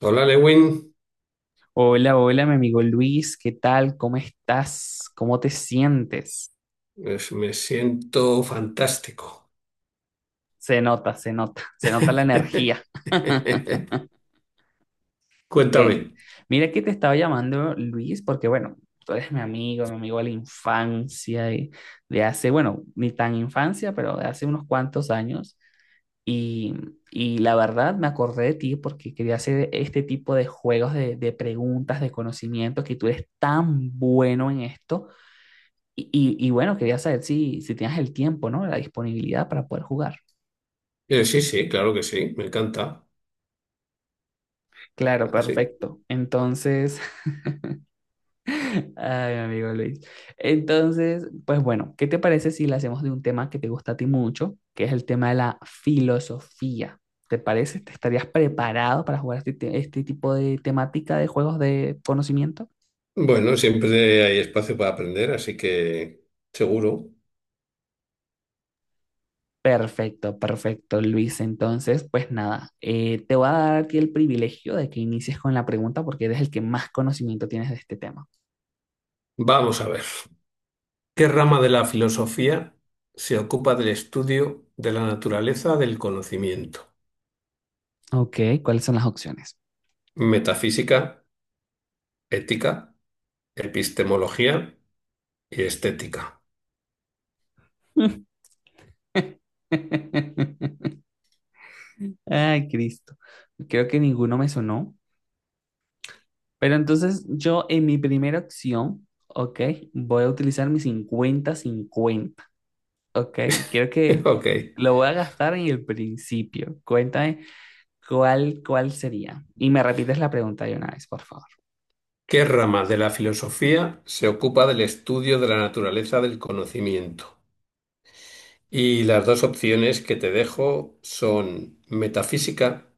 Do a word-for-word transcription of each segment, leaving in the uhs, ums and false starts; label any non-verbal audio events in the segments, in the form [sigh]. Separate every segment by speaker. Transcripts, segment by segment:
Speaker 1: Hola, Lewin.
Speaker 2: Hola, hola, mi amigo Luis, ¿qué tal? ¿Cómo estás? ¿Cómo te sientes?
Speaker 1: Pues me siento fantástico.
Speaker 2: Se nota, se nota, [laughs] se nota la
Speaker 1: [laughs]
Speaker 2: energía. [laughs]
Speaker 1: Cuéntame.
Speaker 2: Que, mira que te estaba llamando Luis porque, bueno, tú eres mi amigo, mi amigo de la infancia, y de hace, bueno, ni tan infancia, pero de hace unos cuantos años. Y, y la verdad me acordé de ti porque quería hacer este tipo de juegos de, de preguntas, de conocimiento, que tú eres tan bueno en esto. Y, y- y bueno, quería saber si, si tenías el tiempo, ¿no? La disponibilidad para poder jugar.
Speaker 1: Eh, sí, sí, claro que sí, me encanta.
Speaker 2: Claro,
Speaker 1: Ah, sí.
Speaker 2: perfecto. Entonces, [laughs] ay, mi amigo Luis. Entonces, pues bueno, ¿qué te parece si le hacemos de un tema que te gusta a ti mucho, que es el tema de la filosofía? ¿Te parece? ¿Te estarías preparado para jugar este, te- este tipo de temática de juegos de conocimiento?
Speaker 1: Bueno, siempre hay espacio para aprender, así que seguro.
Speaker 2: Perfecto, perfecto, Luis. Entonces, pues nada, eh, te voy a dar a ti el privilegio de que inicies con la pregunta porque eres el que más conocimiento tienes de este tema.
Speaker 1: Vamos a ver. ¿Qué rama de la filosofía se ocupa del estudio de la naturaleza del conocimiento?
Speaker 2: Ok, ¿cuáles son las opciones?
Speaker 1: Metafísica, ética, epistemología y estética.
Speaker 2: [laughs] Ay, Cristo. Creo que ninguno me sonó. Pero entonces yo en mi primera opción, ok, voy a utilizar mi cincuenta-cincuenta, ok. Quiero
Speaker 1: [laughs]
Speaker 2: que
Speaker 1: Ok.
Speaker 2: lo voy a gastar en el principio. Cuéntame cuál, cuál sería. Y me repites la pregunta de una vez, por favor.
Speaker 1: ¿Qué rama de la filosofía se ocupa del estudio de la naturaleza del conocimiento? Y las dos opciones que te dejo son metafísica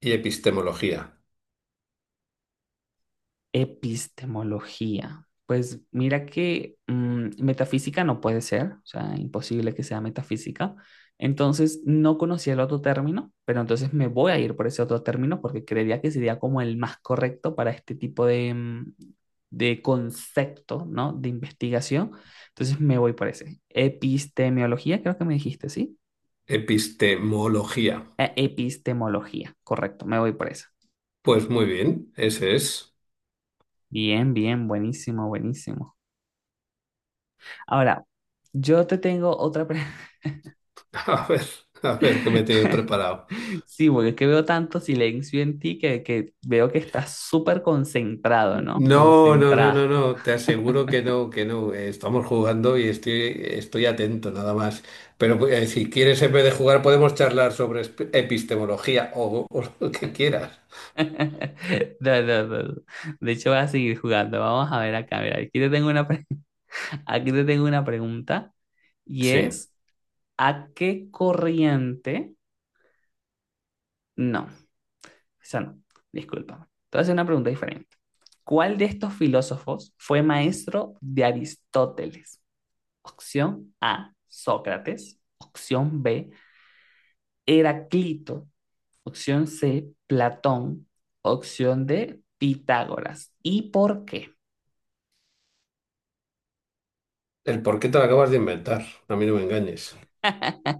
Speaker 1: y epistemología.
Speaker 2: Epistemología. Pues mira que mm, metafísica no puede ser, o sea, imposible que sea metafísica. Entonces no conocía el otro término, pero entonces me voy a ir por ese otro término porque creería que sería como el más correcto para este tipo de, mm, de concepto, ¿no? De investigación. Entonces me voy por ese. Epistemología, creo que me dijiste, ¿sí?
Speaker 1: Epistemología.
Speaker 2: Eh, Epistemología, correcto, me voy por esa.
Speaker 1: Pues muy bien, ese es.
Speaker 2: Bien, bien, buenísimo, buenísimo. Ahora, yo te tengo otra pregunta.
Speaker 1: [laughs] A ver, a ver qué me tienes
Speaker 2: [laughs]
Speaker 1: preparado.
Speaker 2: Sí, porque es que veo tanto silencio en ti que, que veo que estás súper concentrado, ¿no?
Speaker 1: No, no, no,
Speaker 2: Concentrado.
Speaker 1: no,
Speaker 2: [laughs]
Speaker 1: no, te aseguro que no, que no. Eh, Estamos jugando y estoy, estoy atento nada más. Pero eh, si quieres, en vez de jugar, podemos charlar sobre esp- epistemología o o lo que quieras.
Speaker 2: No, no, no, no. De hecho, voy a seguir jugando. Vamos a ver acá. Mira, aquí te tengo una, pre- [laughs] aquí te tengo una pregunta y
Speaker 1: Sí,
Speaker 2: es, ¿a qué corriente? No, esa no, discúlpame. Entonces, una pregunta diferente. ¿Cuál de estos filósofos fue maestro de Aristóteles? Opción A, Sócrates. Opción be, Heraclito. Opción ce, Platón. Opción de, Pitágoras. ¿Y por qué?
Speaker 1: el por qué te lo acabas de inventar, a mí no me engañes.
Speaker 2: [laughs]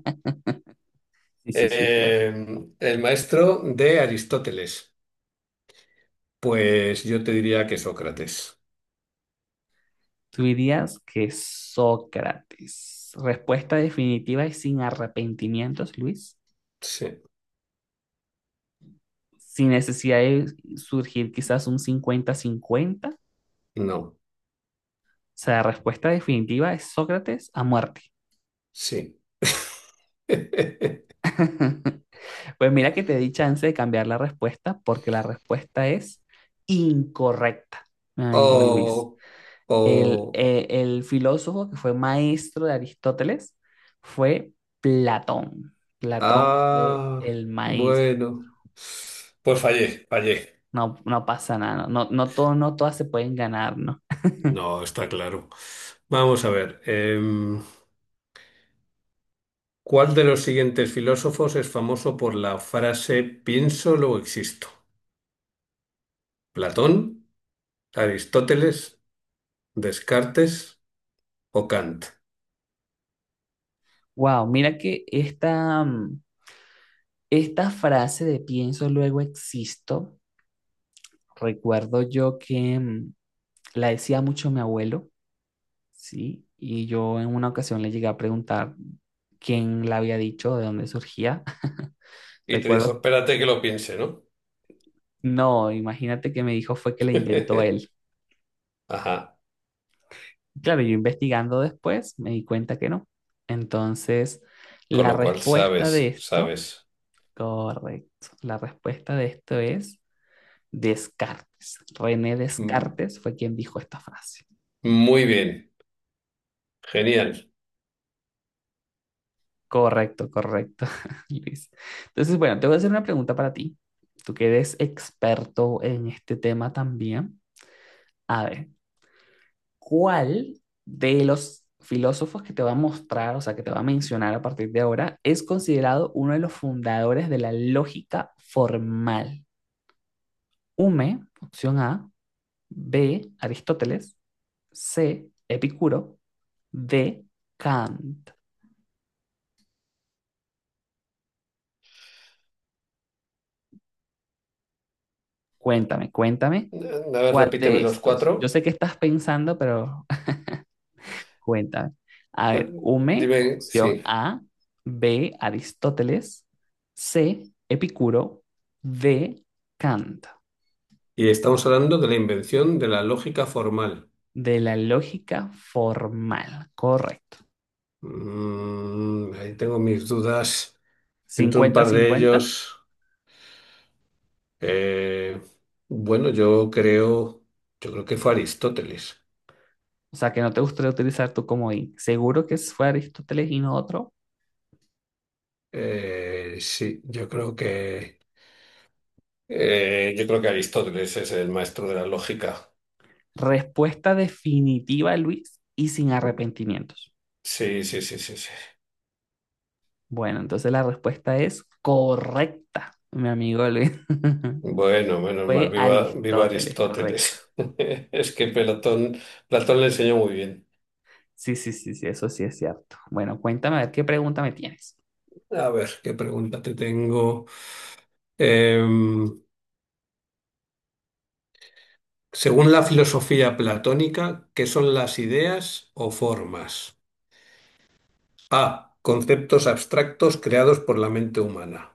Speaker 2: Sí, sí, sí, cierto.
Speaker 1: Eh, el maestro de Aristóteles, pues yo te diría que Sócrates.
Speaker 2: Tú dirías que Sócrates. Respuesta definitiva y sin arrepentimientos, Luis.
Speaker 1: Sí,
Speaker 2: Sin necesidad de surgir quizás un cincuenta-cincuenta. O
Speaker 1: no,
Speaker 2: sea, la respuesta definitiva es Sócrates a muerte.
Speaker 1: sí. [laughs]
Speaker 2: [laughs] Pues mira que te di chance de cambiar la respuesta porque la respuesta es incorrecta, mi amigo Luis.
Speaker 1: O,
Speaker 2: El,
Speaker 1: o,
Speaker 2: eh, el filósofo que fue maestro de Aristóteles fue Platón. Platón fue
Speaker 1: ah,
Speaker 2: el maíz.
Speaker 1: bueno, pues fallé, fallé.
Speaker 2: No, no pasa nada, no, no, no todo- no todas se pueden ganar, ¿no? [laughs]
Speaker 1: No, está claro. Vamos a ver, em, ¿cuál de los siguientes filósofos es famoso por la frase pienso, lo existo? ¿Platón? Aristóteles, Descartes o Kant.
Speaker 2: Wow, mira que esta, mm, esta frase de pienso luego existo, recuerdo yo que mm, la decía mucho mi abuelo, ¿sí? Y yo en una ocasión le llegué a preguntar quién la había dicho, de dónde surgía. [laughs]
Speaker 1: Y te dijo,
Speaker 2: Recuerdo.
Speaker 1: espérate que lo piense, ¿no?
Speaker 2: No, imagínate que me dijo fue que la inventó él.
Speaker 1: [laughs] Ajá,
Speaker 2: Claro, yo investigando después me di cuenta que no. Entonces,
Speaker 1: con
Speaker 2: la
Speaker 1: lo cual
Speaker 2: respuesta de
Speaker 1: sabes,
Speaker 2: esto,
Speaker 1: sabes.
Speaker 2: correcto, la respuesta de esto es Descartes. René
Speaker 1: Mm,
Speaker 2: Descartes fue quien dijo esta frase.
Speaker 1: muy bien, genial.
Speaker 2: Correcto, correcto, [laughs] Luis. Entonces, bueno, te voy a hacer una pregunta para ti. Tú que eres experto en este tema también. A ver, ¿cuál de los filósofos que te va a mostrar, o sea, que te va a mencionar a partir de ahora, es considerado uno de los fundadores de la lógica formal? Hume, opción A. B, Aristóteles. ce, Epicuro. de, Kant. Cuéntame, cuéntame,
Speaker 1: Eh, A ver,
Speaker 2: ¿cuál de
Speaker 1: repíteme los
Speaker 2: estos? Yo
Speaker 1: cuatro.
Speaker 2: sé que estás pensando, pero cuenta. A
Speaker 1: Eh,
Speaker 2: ver, Hume,
Speaker 1: Dime,
Speaker 2: opción
Speaker 1: sí.
Speaker 2: A. B, Aristóteles. C, Epicuro. D, Kant.
Speaker 1: Y estamos hablando de la invención de la lógica formal.
Speaker 2: De la lógica formal. Correcto.
Speaker 1: Mm, ahí tengo mis dudas. Entre un
Speaker 2: Cincuenta
Speaker 1: par de
Speaker 2: cincuenta.
Speaker 1: ellos, eh, bueno, yo creo, yo creo que fue Aristóteles.
Speaker 2: O sea, que no te gustaría utilizar tu comodín. Seguro que fue Aristóteles y no otro.
Speaker 1: Eh, sí, yo creo que eh, yo creo que Aristóteles es el maestro de la lógica.
Speaker 2: Respuesta definitiva, Luis, y sin arrepentimientos.
Speaker 1: Sí, sí, sí, sí, sí.
Speaker 2: Bueno, entonces la respuesta es correcta, mi amigo Luis. [laughs]
Speaker 1: Bueno, menos mal,
Speaker 2: Fue
Speaker 1: viva, viva
Speaker 2: Aristóteles, correcto.
Speaker 1: Aristóteles. [laughs] Es que Platón, Platón le enseñó muy bien.
Speaker 2: Sí, sí, sí, sí, eso sí es cierto. Bueno, cuéntame a ver qué pregunta me tienes.
Speaker 1: A ver, ¿qué pregunta te tengo? Em, según la filosofía platónica, ¿qué son las ideas o formas? A. Conceptos abstractos creados por la mente humana.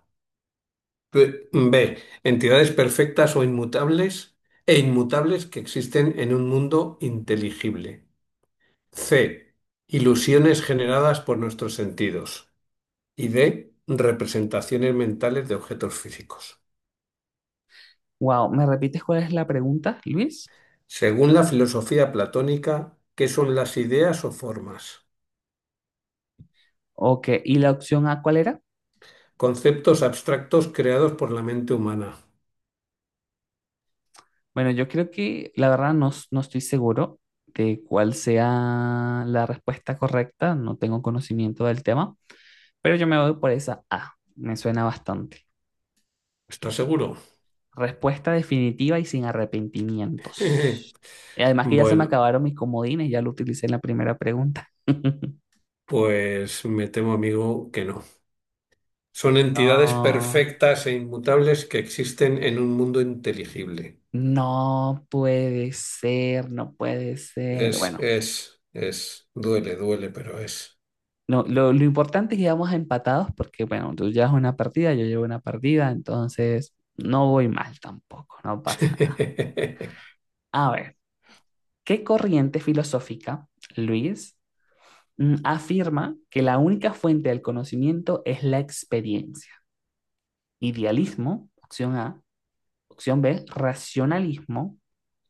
Speaker 1: B. B. Entidades perfectas o inmutables e inmutables que existen en un mundo inteligible. C. Ilusiones generadas por nuestros sentidos. Y D. Representaciones mentales de objetos físicos.
Speaker 2: Wow, ¿me repites cuál es la pregunta, Luis?
Speaker 1: Según la filosofía platónica, ¿qué son las ideas o formas?
Speaker 2: Ok, ¿y la opción A cuál era?
Speaker 1: Conceptos abstractos creados por la mente humana.
Speaker 2: Bueno, yo creo que la verdad no, s- no estoy seguro de cuál sea la respuesta correcta, no tengo conocimiento del tema, pero yo me voy por esa A, me suena bastante.
Speaker 1: ¿Estás seguro?
Speaker 2: Respuesta definitiva y sin
Speaker 1: [laughs]
Speaker 2: arrepentimientos. Y además que ya se me
Speaker 1: Bueno,
Speaker 2: acabaron mis comodines, ya lo utilicé en la primera pregunta. [laughs]
Speaker 1: pues me temo, amigo, que no. Son entidades
Speaker 2: No.
Speaker 1: perfectas e inmutables que existen en un mundo inteligible.
Speaker 2: No puede ser, no puede ser.
Speaker 1: Es,
Speaker 2: Bueno,
Speaker 1: es, es, duele, duele, pero es.
Speaker 2: no, lo, lo importante es que vamos empatados porque, bueno, tú llevas una partida, yo llevo una partida, entonces no voy mal tampoco, no pasa nada.
Speaker 1: [laughs]
Speaker 2: A ver, ¿qué corriente filosófica, Luis, mm, afirma que la única fuente del conocimiento es la experiencia? Idealismo, opción A. Opción B, racionalismo.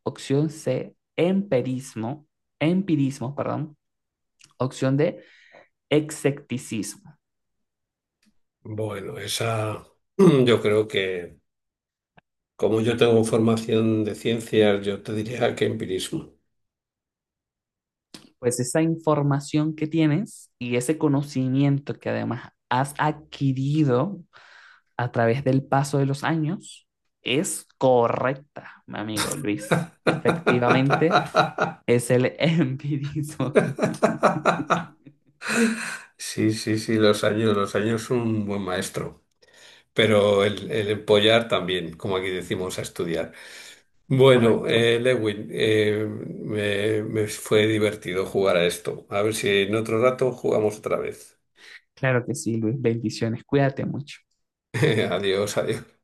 Speaker 2: Opción C, empirismo, empirismo, perdón. Opción D, Execticismo.
Speaker 1: Bueno, esa, [clears throat] yo creo que, como yo tengo formación de ciencias, yo te diría que empirismo.
Speaker 2: Pues esa información que tienes y ese conocimiento que además has adquirido a través del paso de los años es correcta, mi amigo Luis. Efectivamente,
Speaker 1: [laughs]
Speaker 2: es el [laughs] empirismo.
Speaker 1: Sí, sí, sí, los años, los años son un buen maestro, pero el, el empollar también, como aquí decimos, a estudiar. Bueno,
Speaker 2: Correcto.
Speaker 1: eh, Lewin, eh, me, me fue divertido jugar a esto. A ver si en otro rato jugamos otra vez.
Speaker 2: Claro que sí, Luis. Bendiciones. Cuídate mucho.
Speaker 1: [laughs] Adiós, adiós.